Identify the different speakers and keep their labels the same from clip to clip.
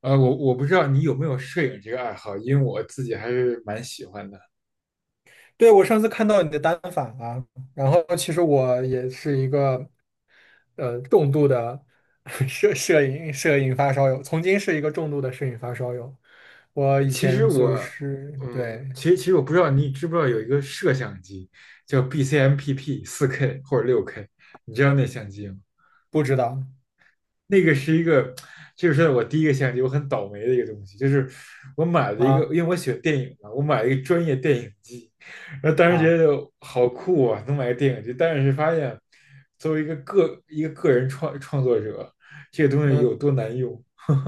Speaker 1: 我不知道你有没有摄影这个爱好，因为我自己还是蛮喜欢的。
Speaker 2: 对，我上次看到你的单反了。然后其实我也是一个重度的 摄影发烧友，曾经是一个重度的摄影发烧友。我以
Speaker 1: 其实
Speaker 2: 前就
Speaker 1: 我，
Speaker 2: 是对，
Speaker 1: 其实我不知道你知不知道有一个摄像机叫 BCMPP 四 k 或者六 k， 你知道那相机吗？
Speaker 2: 不知道。
Speaker 1: 那个是一个，这就是我第一个相机，我很倒霉的一个东西，就是我买了一个，
Speaker 2: 啊，
Speaker 1: 因为我喜欢电影嘛，我买了一个专业电影机，然后当时觉
Speaker 2: 啊，
Speaker 1: 得好酷啊，能买个电影机，但是发现作为一个个人创作者，这个东西有
Speaker 2: 嗯，
Speaker 1: 多难用。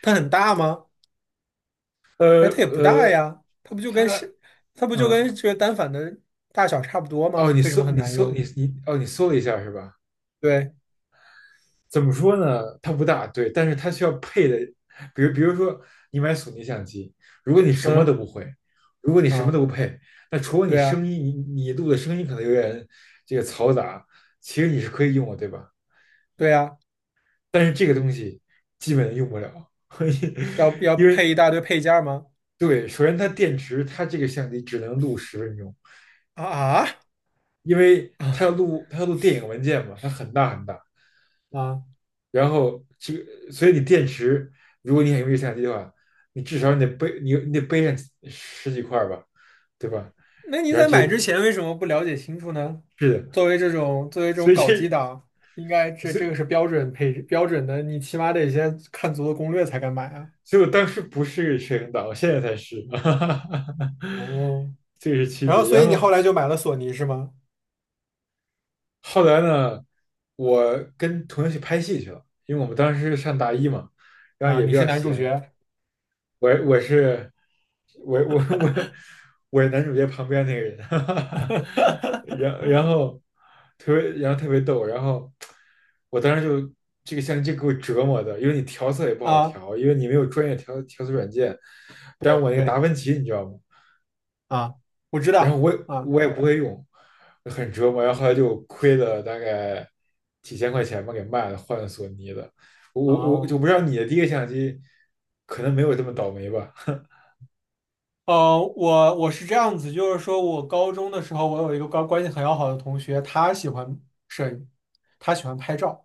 Speaker 2: 它很大吗？
Speaker 1: 呃
Speaker 2: 哎，它也不大
Speaker 1: 呃，
Speaker 2: 呀，
Speaker 1: 它
Speaker 2: 它不就
Speaker 1: 嗯
Speaker 2: 跟这个单反的大小差不多
Speaker 1: 哦，
Speaker 2: 吗？
Speaker 1: 你
Speaker 2: 为什么
Speaker 1: 搜
Speaker 2: 很
Speaker 1: 你
Speaker 2: 难
Speaker 1: 搜你
Speaker 2: 用？
Speaker 1: 你哦，你搜了一下是吧？
Speaker 2: 对。
Speaker 1: 怎么说呢？它不大，对，但是它需要配的，比如说你买索尼相机，如果你什么
Speaker 2: 嗯。
Speaker 1: 都不会，如果你什么都
Speaker 2: 啊，
Speaker 1: 不配，那除了你
Speaker 2: 对呀，
Speaker 1: 声音，你录的声音可能有点这个嘈杂，其实你是可以用的，对吧？
Speaker 2: 对呀，
Speaker 1: 但是这个东西基本用不了。
Speaker 2: 要
Speaker 1: 因
Speaker 2: 配
Speaker 1: 为
Speaker 2: 一大堆配件儿吗？
Speaker 1: 对，首先它电池，它这个相机只能录10分钟，
Speaker 2: 啊，啊！
Speaker 1: 因为它要录电影文件嘛，它很大很大。
Speaker 2: 啊，
Speaker 1: 然后这个，所以你电池，如果你想用一相机的话，你至少你得背，你你得背上十几块吧，对吧？
Speaker 2: 那你
Speaker 1: 然后
Speaker 2: 在
Speaker 1: 这
Speaker 2: 买之前为什么不了解清楚呢？
Speaker 1: 是的。
Speaker 2: 作为这种作为这
Speaker 1: 所
Speaker 2: 种
Speaker 1: 以
Speaker 2: 搞基
Speaker 1: 这
Speaker 2: 党，应该这
Speaker 1: 所
Speaker 2: 这
Speaker 1: 以
Speaker 2: 个是标准配置标准的，你起码得先看足了攻略才敢买啊。
Speaker 1: 所以我当时不是摄影党，我现在才是。哈哈哈哈，
Speaker 2: 哦，
Speaker 1: 这个是区
Speaker 2: 然后
Speaker 1: 别。
Speaker 2: 所
Speaker 1: 然
Speaker 2: 以你后
Speaker 1: 后
Speaker 2: 来就买了索尼是吗？
Speaker 1: 后来呢，我跟同学去拍戏去了，因为我们当时上大一嘛，然后
Speaker 2: 啊，
Speaker 1: 也比
Speaker 2: 你是
Speaker 1: 较
Speaker 2: 男主
Speaker 1: 闲。
Speaker 2: 角
Speaker 1: 我我是我我我我是男主角旁边那个人。哈哈，然然后特别然后特别逗，然后我当时就这个相机就给我折磨的，因为你调色也不好
Speaker 2: 啊？
Speaker 1: 调，因为你没有专业调色软件。但是
Speaker 2: 对
Speaker 1: 我那个
Speaker 2: 对
Speaker 1: 达芬奇你知道吗？
Speaker 2: 啊，我知
Speaker 1: 然后我
Speaker 2: 道
Speaker 1: 也
Speaker 2: 啊。
Speaker 1: 我也不会用，很折磨。然后后来就亏了大概几千块钱吧，给卖了，换了索尼的。我
Speaker 2: 啊，
Speaker 1: 就不知道你的第一个相机可能没有这么倒霉吧？
Speaker 2: 哦，我是这样子，就是说我高中的时候，我有一个高关系很要好的同学，他喜欢摄影，他喜欢拍照。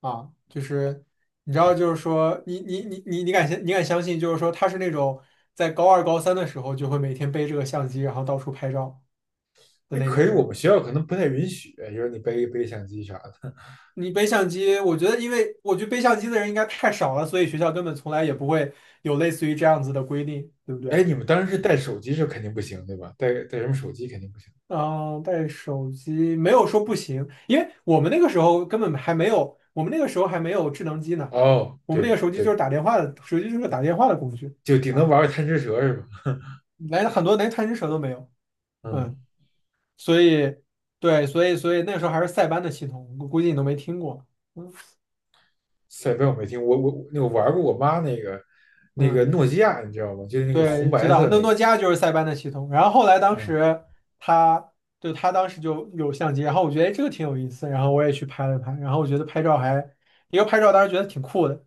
Speaker 2: 啊，就是你知道，就是说，你敢相信，就是说他是那种在高二高三的时候就会每天背这个相机，然后到处拍照的
Speaker 1: 那
Speaker 2: 那
Speaker 1: 可
Speaker 2: 种
Speaker 1: 是我
Speaker 2: 人。
Speaker 1: 们学校可能不太允许，就是你背相机啥的。
Speaker 2: 你背相机，我觉得，因为我觉得背相机的人应该太少了，所以学校根本从来也不会有类似于这样子的规定，对不
Speaker 1: 哎，
Speaker 2: 对？
Speaker 1: 你们当时是带手机是肯定不行，对吧？带什么手机肯定不行。
Speaker 2: 嗯，带手机没有说不行，因为我们那个时候根本还没有，我们那个时候还没有智能机呢，
Speaker 1: 哦，
Speaker 2: 我们那个
Speaker 1: 对
Speaker 2: 手机就是
Speaker 1: 对，
Speaker 2: 打电话的，手机就是个打电话的工具。
Speaker 1: 就顶能
Speaker 2: 啊，
Speaker 1: 玩个贪吃蛇是吧？
Speaker 2: 来了很多连探针蛇都没有。
Speaker 1: 嗯，
Speaker 2: 嗯，所以对，所以所以那时候还是塞班的系统，我估计你都没听过。嗯。
Speaker 1: 赛班我没听，我玩过我妈那个
Speaker 2: 嗯，
Speaker 1: 诺基亚，你知道吗？就是那个红
Speaker 2: 对，知
Speaker 1: 白
Speaker 2: 道，
Speaker 1: 色
Speaker 2: 那
Speaker 1: 那个。
Speaker 2: 诺基亚就是塞班的系统。然后后来当
Speaker 1: 嗯，
Speaker 2: 时他他当时就有相机，然后我觉得哎这个挺有意思，然后我也去拍了拍，然后我觉得拍照还一个拍照当时觉得挺酷的，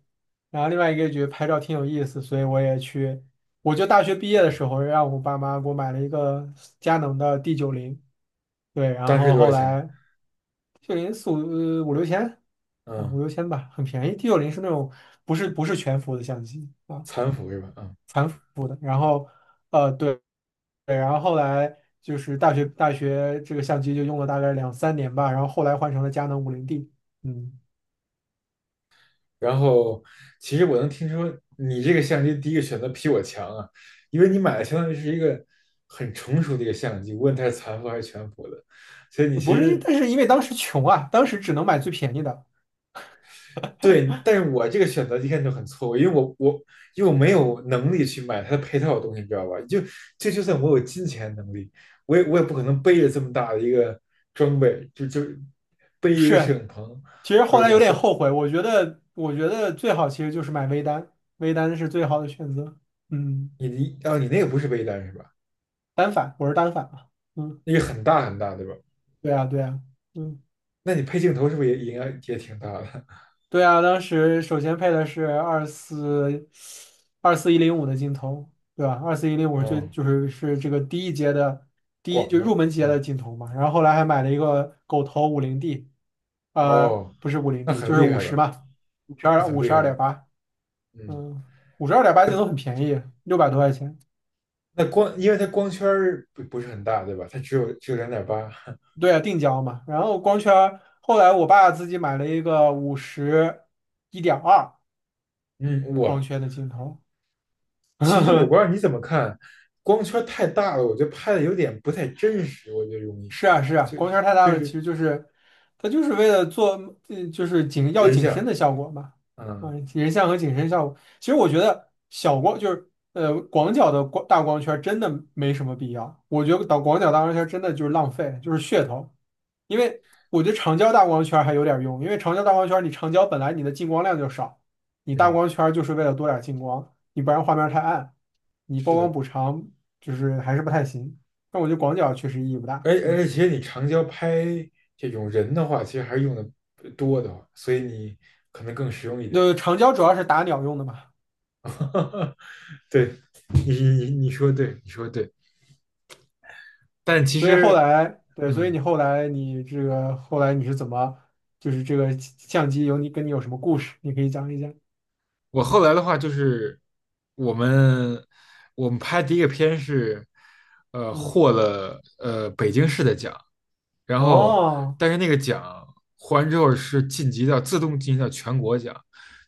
Speaker 2: 然后另外一个觉得拍照挺有意思，所以我也去，我就大学毕业的时候让我爸妈给我买了一个佳能的 D90。对，然
Speaker 1: 当时
Speaker 2: 后
Speaker 1: 多少
Speaker 2: 后
Speaker 1: 钱？
Speaker 2: 来。T 九零四五呃五六千。啊，
Speaker 1: 嗯，
Speaker 2: 五六千吧，很便宜。T 九零是那种不是全幅的相机啊，
Speaker 1: 残幅是吧？嗯，
Speaker 2: 残幅的。然后对，对，然后后来就是大学这个相机就用了大概两三年吧，然后后来换成了佳能五零 D。嗯，
Speaker 1: 然后其实我能听说你这个相机第一个选择比我强啊。因为你买的相当于是一个很成熟的一个相机，无论它是残幅还是全幅的，所以你其
Speaker 2: 不是因，
Speaker 1: 实
Speaker 2: 但是因为当时穷啊，当时只能买最便宜的。
Speaker 1: 对。但是我这个选择一看就很错误，因为因为我没有能力去买它的配套的东西，你知道吧？就算我有金钱能力，我也不可能背着这么大的一个装备，背一个摄
Speaker 2: 是，
Speaker 1: 影棚。
Speaker 2: 其实
Speaker 1: 二
Speaker 2: 后
Speaker 1: 十
Speaker 2: 来
Speaker 1: 多
Speaker 2: 有点
Speaker 1: 岁，
Speaker 2: 后悔，我觉得我觉得最好其实就是买微单，微单是最好的选择。嗯，
Speaker 1: 你那个不是背单是吧？
Speaker 2: 单反，我是单反嘛。嗯。
Speaker 1: 那个很大很大，对吧？
Speaker 2: 对啊，对啊。嗯，
Speaker 1: 那你配镜头是不是也应该也挺大的？
Speaker 2: 对啊，当时首先配的是二四一零五的镜头，对吧？二四一零 五是
Speaker 1: 哦，
Speaker 2: 最就是是这个第一阶的
Speaker 1: 广
Speaker 2: 就入
Speaker 1: 的。
Speaker 2: 门级
Speaker 1: 嗯，
Speaker 2: 的镜头嘛。然后后来还买了一个狗头五零 D,
Speaker 1: 哦，
Speaker 2: 不是五零
Speaker 1: 那
Speaker 2: D，就
Speaker 1: 很
Speaker 2: 是
Speaker 1: 厉
Speaker 2: 五
Speaker 1: 害
Speaker 2: 十
Speaker 1: 了，
Speaker 2: 嘛，五十二
Speaker 1: 很
Speaker 2: 五十
Speaker 1: 厉害
Speaker 2: 二点
Speaker 1: 了，
Speaker 2: 八，
Speaker 1: 嗯。
Speaker 2: 嗯，五十二点八镜头很便宜，600多块钱。
Speaker 1: 那光因为它光圈儿不是很大，对吧？它只有2.8。
Speaker 2: 对啊，定焦嘛。然后光圈儿后来我爸自己买了一个50 1.2
Speaker 1: 嗯，哇，
Speaker 2: 光圈的镜头。
Speaker 1: 其实 我不知道你怎么看。光圈太大了，我觉得拍的有点不太真实，我觉得容易，
Speaker 2: 是啊，是啊，
Speaker 1: 就
Speaker 2: 光圈儿太大
Speaker 1: 就
Speaker 2: 了，其
Speaker 1: 是
Speaker 2: 实就是它就是为了做，嗯，就是
Speaker 1: 人
Speaker 2: 景深
Speaker 1: 像。
Speaker 2: 的效果嘛。啊，
Speaker 1: 嗯
Speaker 2: 人像和景深效果。其实我觉得小光就是广角的大光圈儿真的没什么必要，我觉得导广角大光圈儿真的就是浪费，就是噱头。因为我觉得长焦大光圈儿还有点儿用，因为长焦大光圈儿你长焦本来你的进光量就少，你大
Speaker 1: 嗯，
Speaker 2: 光圈儿就是为了多点儿进光，你不然画面儿太暗，你曝
Speaker 1: 是
Speaker 2: 光
Speaker 1: 的。
Speaker 2: 补偿就是还是不太行。但我觉得广角确实意义不
Speaker 1: 而
Speaker 2: 大。
Speaker 1: 而
Speaker 2: 嗯。
Speaker 1: 且你长焦拍这种人的话，其实还是用的多的，所以你可能更实用一点。
Speaker 2: 对，长焦主要是打鸟用的嘛。
Speaker 1: 对，你说对，你说对。但其
Speaker 2: 所以后
Speaker 1: 实，
Speaker 2: 来，对，所以
Speaker 1: 嗯，
Speaker 2: 你后来你这个后来你是怎么，就是这个相机有你跟你有什么故事，你可以讲一讲。
Speaker 1: 我后来的话就是我们我们拍第一个片是，
Speaker 2: 嗯。
Speaker 1: 获了北京市的奖。然后
Speaker 2: 哦。
Speaker 1: 但是那个奖获完之后是晋级到自动晋级到全国奖，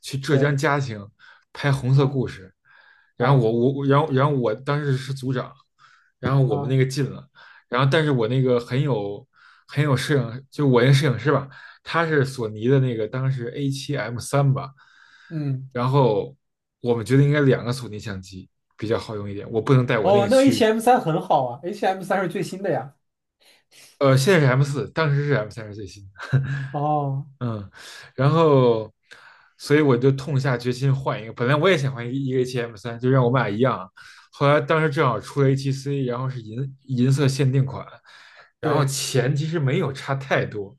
Speaker 1: 去浙江
Speaker 2: 对。
Speaker 1: 嘉兴拍《红色故
Speaker 2: 嗯。
Speaker 1: 事》。然后
Speaker 2: 啊。
Speaker 1: 我当时是组长，然后我们那
Speaker 2: 啊。
Speaker 1: 个进了。然后但是我那个很有摄影，就我那摄影师吧，它是索尼的那个当时 A 七 M 三吧。
Speaker 2: 嗯。
Speaker 1: 然后我们觉得应该两个索尼相机比较好用一点，我不能带我那
Speaker 2: 哦，
Speaker 1: 个
Speaker 2: 那 H
Speaker 1: 去。
Speaker 2: M 三很好啊，H M 三是最新的呀。
Speaker 1: 现在是 M 四，当时是 M 三是最新。
Speaker 2: 哦。
Speaker 1: 嗯，然后，所以我就痛下决心换一个。本来我也想换一个 HM 三，就让我们俩一样。后来当时正好出了 h c， 然后是银色限定款，然后
Speaker 2: 对。
Speaker 1: 钱其实没有差太多，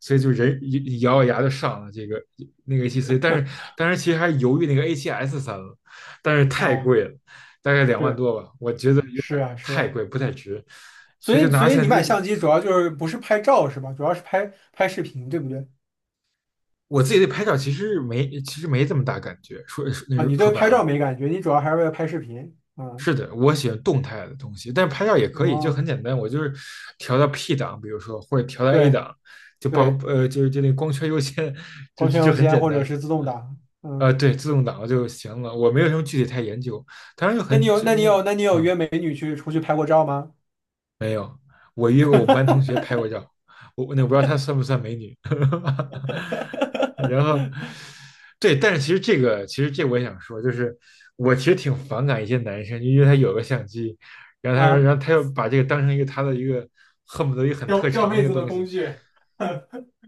Speaker 1: 所以就咬咬牙就上了那个 a 7 c， 但是当时其实还犹豫那个 A7S 三了，但是太
Speaker 2: 哦。
Speaker 1: 贵了，大概两万
Speaker 2: 是，
Speaker 1: 多吧，我觉得有点
Speaker 2: 是啊，是
Speaker 1: 太
Speaker 2: 啊，
Speaker 1: 贵，不太值。
Speaker 2: 所
Speaker 1: 所以就
Speaker 2: 以
Speaker 1: 拿
Speaker 2: 所以你
Speaker 1: 相
Speaker 2: 买
Speaker 1: 机。
Speaker 2: 相机主要就是不是拍照是吧？主要是拍拍视频，对不对？
Speaker 1: 我自己对拍照其实没这么大感觉，
Speaker 2: 啊，你
Speaker 1: 说
Speaker 2: 对
Speaker 1: 白
Speaker 2: 拍
Speaker 1: 了。
Speaker 2: 照没感觉，你主要还是为了拍视频啊。
Speaker 1: 是的，我喜欢动态的东西，但是拍照也可以，就很
Speaker 2: 哦。
Speaker 1: 简单，我就是调到 P 档，比如说或者调到 A
Speaker 2: 对
Speaker 1: 档，就报
Speaker 2: 对，
Speaker 1: 呃就是就那光圈优先。就
Speaker 2: 光
Speaker 1: 就
Speaker 2: 圈
Speaker 1: 就
Speaker 2: 优
Speaker 1: 很
Speaker 2: 先
Speaker 1: 简
Speaker 2: 或者
Speaker 1: 单。
Speaker 2: 是自动挡。嗯，
Speaker 1: 对，自动挡就行了，我没有什么具体太研究，当然就
Speaker 2: 那你
Speaker 1: 很
Speaker 2: 有
Speaker 1: 就
Speaker 2: 那你
Speaker 1: 那个
Speaker 2: 有那你有
Speaker 1: 嗯。
Speaker 2: 约美女去出去拍过照吗？
Speaker 1: 没有，我约过我们班同学拍过照，我不知道她算不算美女。然后，对，但是其实这我也想说，就是我其实挺反感一些男生，因为他有个相机。然后他说，
Speaker 2: 啊，
Speaker 1: 然后他又把这个当成一个他的一个恨不得一个很
Speaker 2: 钓
Speaker 1: 特
Speaker 2: 钓
Speaker 1: 长那
Speaker 2: 妹
Speaker 1: 个
Speaker 2: 子的
Speaker 1: 东
Speaker 2: 工
Speaker 1: 西，
Speaker 2: 具。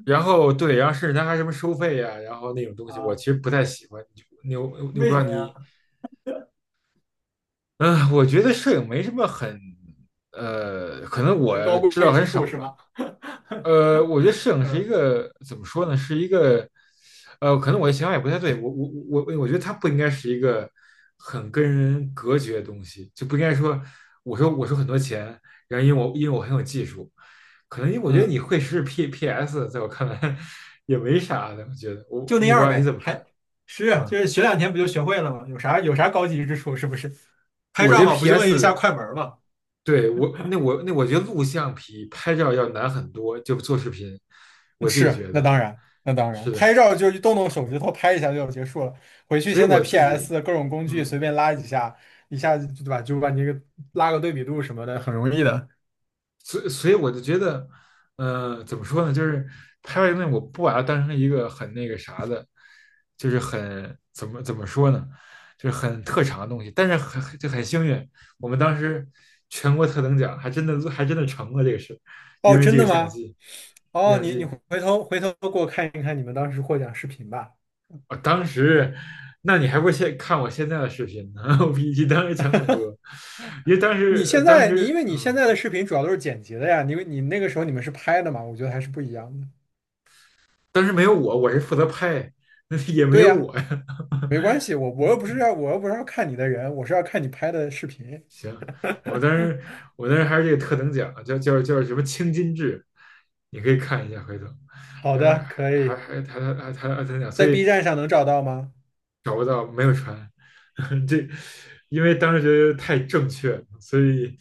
Speaker 1: 然后对，然后甚至他还什么收费呀、然后那种东西，我其
Speaker 2: 啊？
Speaker 1: 实不太喜欢。我不
Speaker 2: 为
Speaker 1: 知
Speaker 2: 什
Speaker 1: 道
Speaker 2: 么呀？
Speaker 1: 你。嗯、我觉得摄影没什么很，可能
Speaker 2: 很高
Speaker 1: 我知道
Speaker 2: 贵
Speaker 1: 很
Speaker 2: 之处
Speaker 1: 少
Speaker 2: 是
Speaker 1: 吧。
Speaker 2: 吗？
Speaker 1: 我觉得摄影是一
Speaker 2: 嗯。
Speaker 1: 个怎么说呢？是一个，可能我的想法也不太对。我觉得它不应该是一个很跟人隔绝的东西，就不应该说我说很多钱。然后因为我很有技术，可能因为我觉得你
Speaker 2: 嗯，
Speaker 1: 会是 PPS，在我看来 也没啥的。我觉得我
Speaker 2: 就
Speaker 1: 不
Speaker 2: 那
Speaker 1: 知
Speaker 2: 样
Speaker 1: 道你怎
Speaker 2: 呗，
Speaker 1: 么
Speaker 2: 还
Speaker 1: 看。
Speaker 2: 是
Speaker 1: 啊？
Speaker 2: 就是学两天不就学会了吗？有啥高级之处是不是？拍
Speaker 1: 我
Speaker 2: 照
Speaker 1: 觉得
Speaker 2: 嘛，不
Speaker 1: P
Speaker 2: 就摁一下
Speaker 1: S，
Speaker 2: 快门儿嘛。
Speaker 1: 我觉得录像比拍照要难很多，就做视频，我自己
Speaker 2: 是，
Speaker 1: 觉
Speaker 2: 那
Speaker 1: 得
Speaker 2: 当然，那当然，
Speaker 1: 是
Speaker 2: 拍
Speaker 1: 的。
Speaker 2: 照就是动动手指头拍一下就结束了。回去
Speaker 1: 所以
Speaker 2: 现在
Speaker 1: 我自己。
Speaker 2: PS 各种工具
Speaker 1: 嗯，
Speaker 2: 随便拉几下，一下子对吧，就把你个拉个对比度什么的，很容易的。
Speaker 1: 所以我就觉得，怎么说呢？就是拍外东西，我不把它当成一个很那个啥的，就是很怎么说呢？就是很特长的东西。但是很幸运，我们当时全国特等奖还真的成了这个事，因
Speaker 2: 哦，
Speaker 1: 为
Speaker 2: 真
Speaker 1: 这个
Speaker 2: 的
Speaker 1: 相
Speaker 2: 吗？
Speaker 1: 机。
Speaker 2: 哦，
Speaker 1: 相
Speaker 2: 你你
Speaker 1: 机，
Speaker 2: 回头给我看一看你们当时获奖视频吧。
Speaker 1: 我当时。那你还不现看我现在的视频呢？我比你当时强太多，因为当
Speaker 2: 你
Speaker 1: 时
Speaker 2: 现
Speaker 1: 当
Speaker 2: 在你因
Speaker 1: 时
Speaker 2: 为你
Speaker 1: 嗯，
Speaker 2: 现在的视频主要都是剪辑的呀，你那个时候你们是拍的嘛，我觉得还是不一样的。
Speaker 1: 但是没有我，我是负责拍，那也没
Speaker 2: 对
Speaker 1: 有
Speaker 2: 呀，
Speaker 1: 我呀。
Speaker 2: 没关系，我又不是要看你的人，我是要看你拍的视频。
Speaker 1: 行，我当时我当时还是这个特等奖，叫什么青金制，你可以看一下回头。
Speaker 2: 好
Speaker 1: 但是
Speaker 2: 的，
Speaker 1: 还
Speaker 2: 可
Speaker 1: 还
Speaker 2: 以。
Speaker 1: 还还还还还特等奖，所
Speaker 2: 在
Speaker 1: 以
Speaker 2: B 站上能找到吗？
Speaker 1: 找不到，没有船。这因为当时觉得太正确了，所以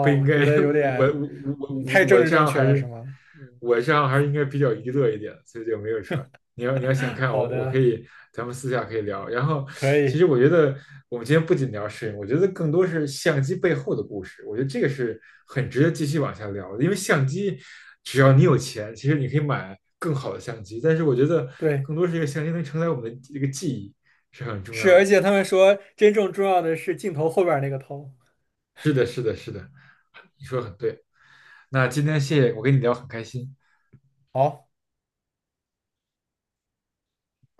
Speaker 1: 不应该。
Speaker 2: 觉得有
Speaker 1: 我我
Speaker 2: 点，
Speaker 1: 我
Speaker 2: 嗯，
Speaker 1: 我
Speaker 2: 太
Speaker 1: 我
Speaker 2: 政
Speaker 1: 这
Speaker 2: 治
Speaker 1: 账
Speaker 2: 正
Speaker 1: 号还
Speaker 2: 确了，是
Speaker 1: 是
Speaker 2: 吗？嗯。
Speaker 1: 我这样还是应该比较娱乐一点，所以就没有传。你要想 看
Speaker 2: 好
Speaker 1: 我，我可
Speaker 2: 的，
Speaker 1: 以，咱们私下可以聊。然后，
Speaker 2: 可
Speaker 1: 其实
Speaker 2: 以。
Speaker 1: 我觉得我们今天不仅聊摄影，我觉得更多是相机背后的故事。我觉得这个是很值得继续往下聊的，因为相机，只要你有钱，其实你可以买更好的相机。但是我觉得
Speaker 2: 对，
Speaker 1: 更多是一个相机能承载我们的一个记忆。是很重
Speaker 2: 是，
Speaker 1: 要的。
Speaker 2: 而且他们说真正重要的是镜头后边儿那个头。
Speaker 1: 是的，是的，是的，你说的很对。那今天谢谢我跟你聊很开心，
Speaker 2: 好。